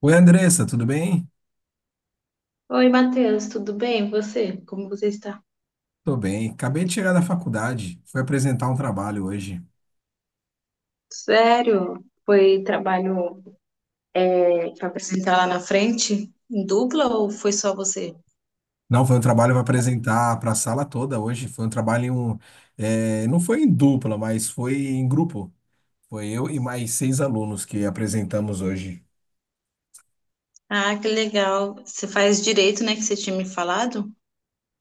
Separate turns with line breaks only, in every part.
Oi, Andressa, tudo bem?
Oi, Matheus, tudo bem? E você? Como você está?
Tô bem. Acabei de chegar da faculdade. Fui apresentar um trabalho hoje.
Sério? Foi trabalho para apresentar lá na frente? Em dupla ou foi só você?
Não, foi um trabalho para apresentar para a sala toda hoje. Foi um trabalho não foi em dupla, mas foi em grupo. Foi eu e mais seis alunos que apresentamos hoje.
Ah, que legal. Você faz direito, né, que você tinha me falado?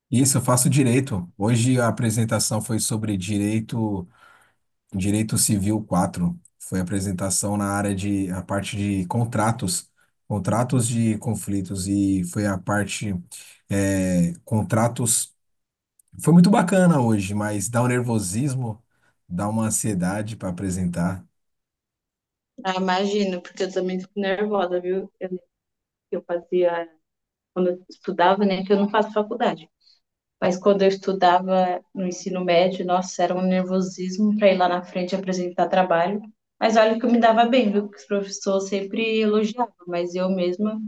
Isso, eu faço direito. Hoje a apresentação foi sobre direito, Direito Civil 4, foi a apresentação na área de a parte de contratos, contratos de conflitos e foi a parte contratos. Foi muito bacana hoje, mas dá um nervosismo, dá uma ansiedade para apresentar.
Ah, imagino, porque eu também fico nervosa, viu? Lembro que eu fazia, quando eu estudava, né, que eu não faço faculdade. Mas quando eu estudava no ensino médio, nossa, era um nervosismo para ir lá na frente apresentar trabalho. Mas olha que eu me dava bem, viu? Que os professores sempre elogiavam, mas eu mesma.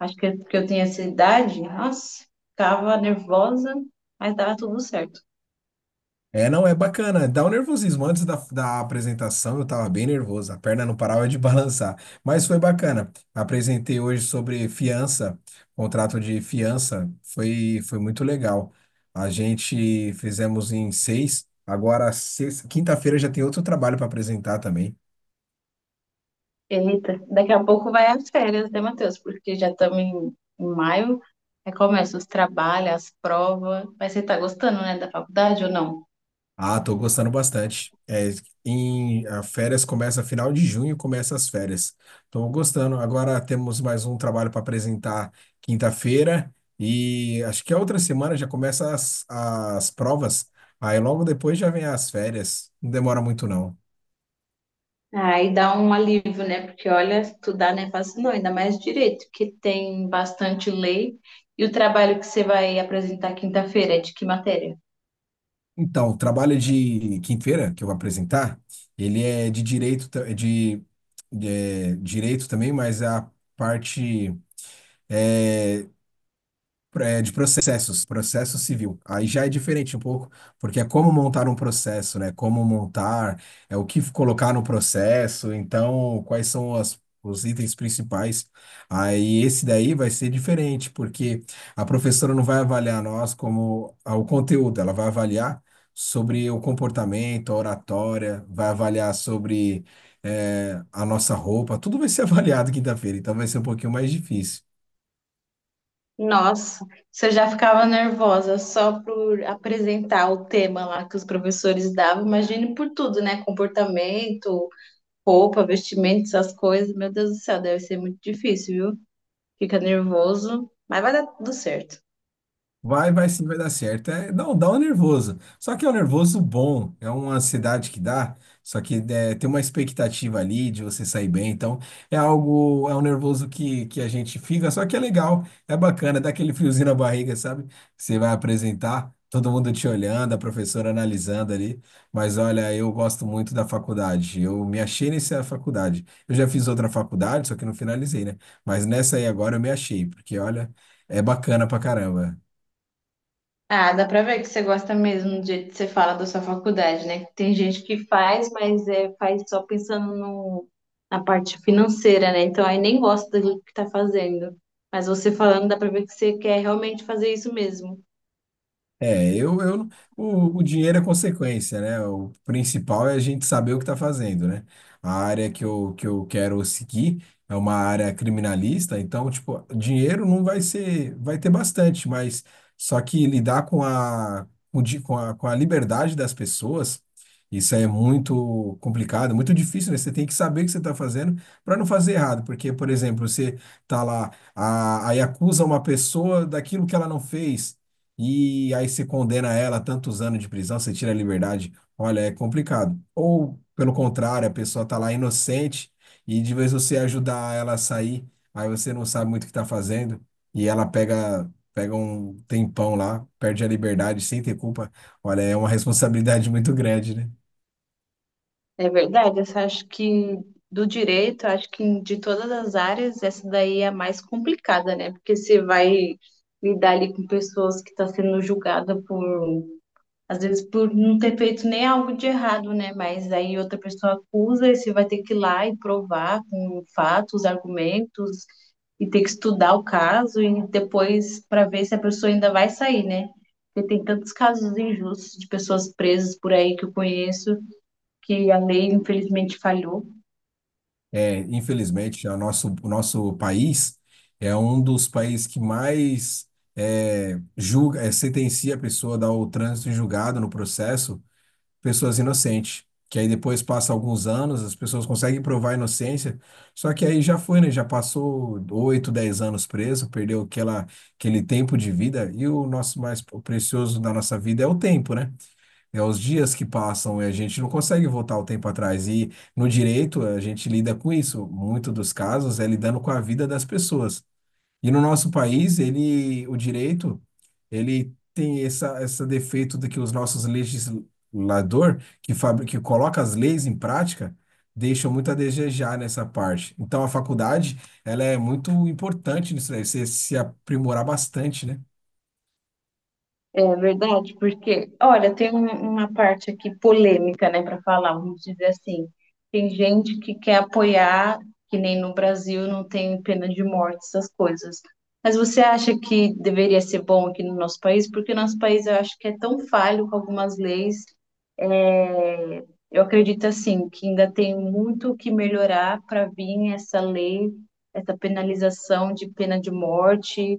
Acho que porque eu tinha essa idade, nossa, ficava nervosa, mas dava tudo certo.
É, não, é bacana. Dá um nervosismo. Antes da apresentação, eu tava bem nervoso. A perna não parava de balançar. Mas foi bacana. Apresentei hoje sobre fiança, contrato de fiança. Foi muito legal. A gente fizemos em seis. Agora, quinta-feira já tem outro trabalho para apresentar também.
Eita, daqui a pouco vai as férias, né, Matheus? Porque já estamos em, em maio, aí começa os trabalhos, as provas. Mas você tá gostando, né, da faculdade ou não?
Ah, tô gostando bastante. A férias começa final de junho, começa as férias. Tô gostando. Agora temos mais um trabalho para apresentar quinta-feira e acho que a outra semana já começa as provas. Aí logo depois já vem as férias. Não demora muito não.
Aí dá um alívio, né? Porque olha, estudar não é fácil, não, ainda mais direito, que tem bastante lei. E o trabalho que você vai apresentar quinta-feira é de que matéria?
Então, o trabalho de quinta-feira que eu vou apresentar, ele é de direito, direito também, mas a parte é, de processos, processo civil. Aí já é diferente um pouco, porque é como montar um processo, né? Como montar, é o que colocar no processo, então quais são os itens principais. Aí esse daí vai ser diferente, porque a professora não vai avaliar nós como ah, o conteúdo, ela vai avaliar sobre o comportamento, a oratória, vai avaliar sobre a nossa roupa, tudo vai ser avaliado quinta-feira, então vai ser um pouquinho mais difícil.
Nossa, você já ficava nervosa só por apresentar o tema lá que os professores davam, imagine por tudo, né? Comportamento, roupa, vestimento, essas coisas. Meu Deus do céu, deve ser muito difícil, viu? Fica nervoso, mas vai dar tudo certo.
Vai, vai sim, vai dar certo. É, não, dá um nervoso. Só que é um nervoso bom, é uma ansiedade que dá, só que é, tem uma expectativa ali de você sair bem. Então, é algo, é um nervoso que a gente fica, só que é legal, é bacana, dá aquele friozinho na barriga, sabe? Você vai apresentar, todo mundo te olhando, a professora analisando ali. Mas olha, eu gosto muito da faculdade, eu me achei nessa faculdade. Eu já fiz outra faculdade, só que não finalizei, né? Mas nessa aí agora eu me achei, porque olha, é bacana pra caramba.
Ah, dá pra ver que você gosta mesmo do jeito que você fala da sua faculdade, né? Tem gente que faz, mas é, faz só pensando no, na parte financeira, né? Então aí nem gosta do que tá fazendo. Mas você falando, dá pra ver que você quer realmente fazer isso mesmo.
É, eu, eu, o dinheiro é consequência, né? O principal é a gente saber o que está fazendo, né? A área que eu quero seguir é uma área criminalista, então, tipo, dinheiro não vai ser, vai ter bastante, mas só que lidar com a, com di- com a liberdade das pessoas, isso é muito complicado, muito difícil, né? Você tem que saber o que você está fazendo para não fazer errado, porque, por exemplo, você tá lá, aí acusa uma pessoa daquilo que ela não fez e aí você condena ela a tantos anos de prisão, você tira a liberdade. Olha, é complicado. Ou, pelo contrário, a pessoa tá lá inocente e de vez você ajudar ela a sair, aí você não sabe muito o que tá fazendo e ela pega um tempão lá, perde a liberdade sem ter culpa. Olha, é uma responsabilidade muito grande, né?
É verdade, eu só acho que do direito, acho que de todas as áreas, essa daí é a mais complicada, né? Porque você vai lidar ali com pessoas que estão sendo julgada por, às vezes, por não ter feito nem algo de errado, né? Mas aí outra pessoa acusa e você vai ter que ir lá e provar com fatos, argumentos, e ter que estudar o caso e depois para ver se a pessoa ainda vai sair, né? Porque tem tantos casos injustos de pessoas presas por aí que eu conheço que a lei infelizmente falhou.
É, infelizmente, o nosso país é um dos países que mais julga, sentencia a pessoa a dar o trânsito em julgado no processo pessoas inocentes. Que aí depois passa alguns anos, as pessoas conseguem provar a inocência, só que aí já foi, né? Já passou 8, 10 anos preso, perdeu aquele tempo de vida, e o nosso mais precioso da nossa vida é o tempo, né? É os dias que passam, e a gente não consegue voltar o tempo atrás. E no direito, a gente lida com isso. Muito dos casos é lidando com a vida das pessoas. E no nosso país, ele, o direito, ele tem essa defeito de que os nossos legislador que coloca as leis em prática, deixam muito a desejar nessa parte. Então, a faculdade, ela é muito importante nisso daí, você se aprimorar bastante, né?
É verdade, porque, olha, tem uma parte aqui polêmica, né, para falar, vamos dizer assim. Tem gente que quer apoiar, que nem no Brasil não tem pena de morte, essas coisas. Mas você acha que deveria ser bom aqui no nosso país? Porque nosso país eu acho que é tão falho com algumas leis. É, eu acredito assim que ainda tem muito o que melhorar para vir essa lei, essa penalização de pena de morte.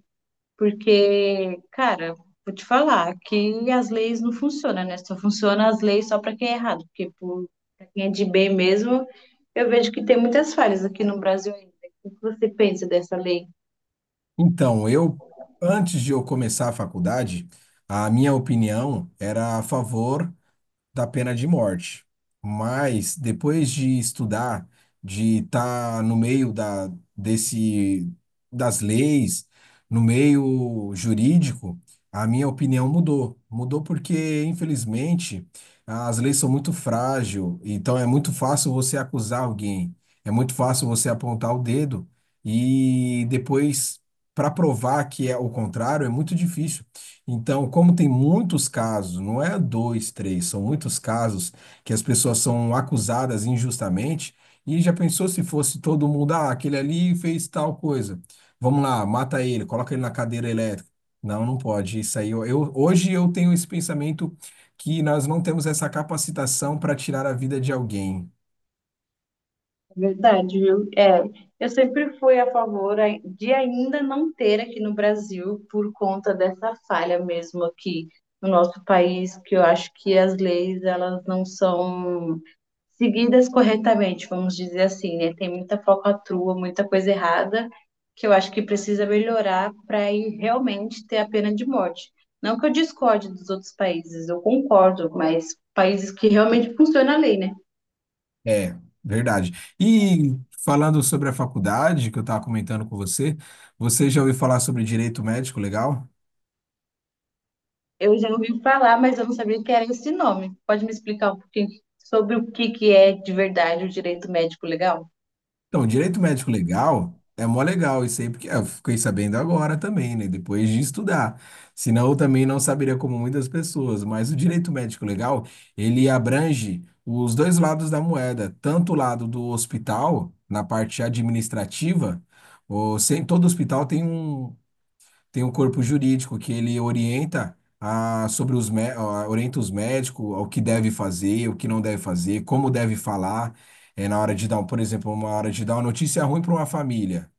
Porque, cara, vou te falar que as leis não funcionam, né? Só funcionam as leis só para quem é errado, pra quem é de bem mesmo, eu vejo que tem muitas falhas aqui no Brasil ainda. O que você pensa dessa lei?
Então, eu, antes de eu começar a faculdade, a minha opinião era a favor da pena de morte. Mas depois de estudar, de estar no meio das leis, no meio jurídico, a minha opinião mudou. Mudou porque, infelizmente, as leis são muito frágeis, então é muito fácil você acusar alguém, é muito fácil você apontar o dedo e depois, para provar que é o contrário, é muito difícil. Então, como tem muitos casos, não é dois, três, são muitos casos que as pessoas são acusadas injustamente, e já pensou se fosse todo mundo, ah, aquele ali fez tal coisa. Vamos lá, mata ele, coloca ele na cadeira elétrica. Não, não pode. Isso aí, hoje eu tenho esse pensamento que nós não temos essa capacitação para tirar a vida de alguém.
É verdade, viu? É, eu sempre fui a favor de ainda não ter aqui no Brasil por conta dessa falha mesmo aqui no nosso país, que eu acho que as leis elas não são seguidas corretamente, vamos dizer assim, né? Tem muita falcatrua, muita coisa errada, que eu acho que precisa melhorar para ir realmente ter a pena de morte. Não que eu discorde dos outros países, eu concordo, mas países que realmente funciona a lei, né?
É, verdade. E falando sobre a faculdade que eu estava comentando com você, você já ouviu falar sobre direito médico, legal?
Eu já ouvi falar, mas eu não sabia que era esse nome. Pode me explicar um pouquinho sobre o que que é de verdade o direito médico legal?
Então, direito médico legal é mó legal isso aí, porque eu fiquei sabendo agora também, né? Depois de estudar. Senão eu também não saberia como muitas pessoas. Mas o direito médico legal, ele abrange os dois lados da moeda, tanto o lado do hospital, na parte administrativa, ou sem todo hospital tem tem o corpo jurídico que ele orienta a, sobre os, mé- a- orienta os médicos ao que deve fazer, o que não deve fazer, como deve falar, na hora de dar, por exemplo, uma hora de dar uma notícia ruim para uma família.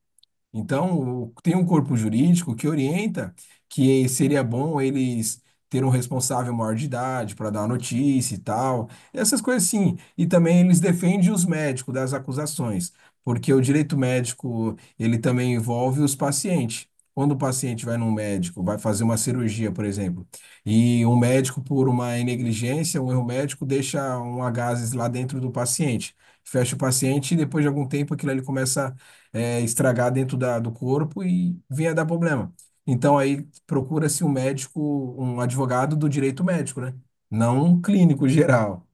Então, tem um corpo jurídico que orienta que seria bom eles ter um responsável maior de idade para dar a notícia e tal, essas coisas sim. E também eles defendem os médicos das acusações, porque o direito médico, ele também envolve os pacientes. Quando o paciente vai num médico, vai fazer uma cirurgia, por exemplo, e um médico, por uma negligência, um erro médico, deixa um gases lá dentro do paciente, fecha o paciente e depois de algum tempo aquilo ali começa estragar dentro do corpo e vinha dar problema. Então aí procura-se um advogado do direito médico, né? Não um clínico geral.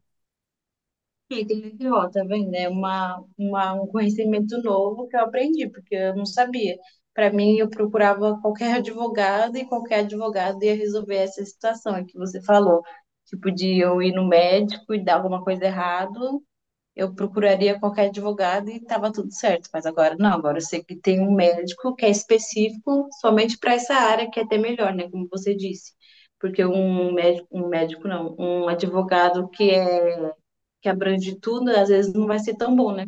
E que legal, tá vendo? É um conhecimento novo que eu aprendi, porque eu não sabia. Para mim, eu procurava qualquer advogado e qualquer advogado ia resolver essa situação que você falou. Tipo, de eu ir no médico e dar alguma coisa errado, eu procuraria qualquer advogado e tava tudo certo. Mas agora não, agora eu sei que tem um médico que é específico somente para essa área, que é até melhor, né? Como você disse. Porque um médico não, um advogado que abrange tudo, às vezes não vai ser tão bom, né?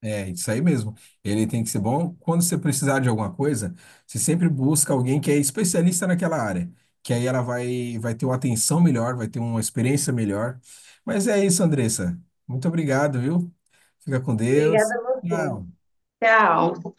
É, isso aí mesmo. Ele tem que ser bom. Quando você precisar de alguma coisa, você sempre busca alguém que é especialista naquela área, que aí ela vai, vai ter uma atenção melhor, vai ter uma experiência melhor. Mas é isso, Andressa. Muito obrigado, viu? Fica com Deus.
Obrigada a você.
Tchau.
Tchau.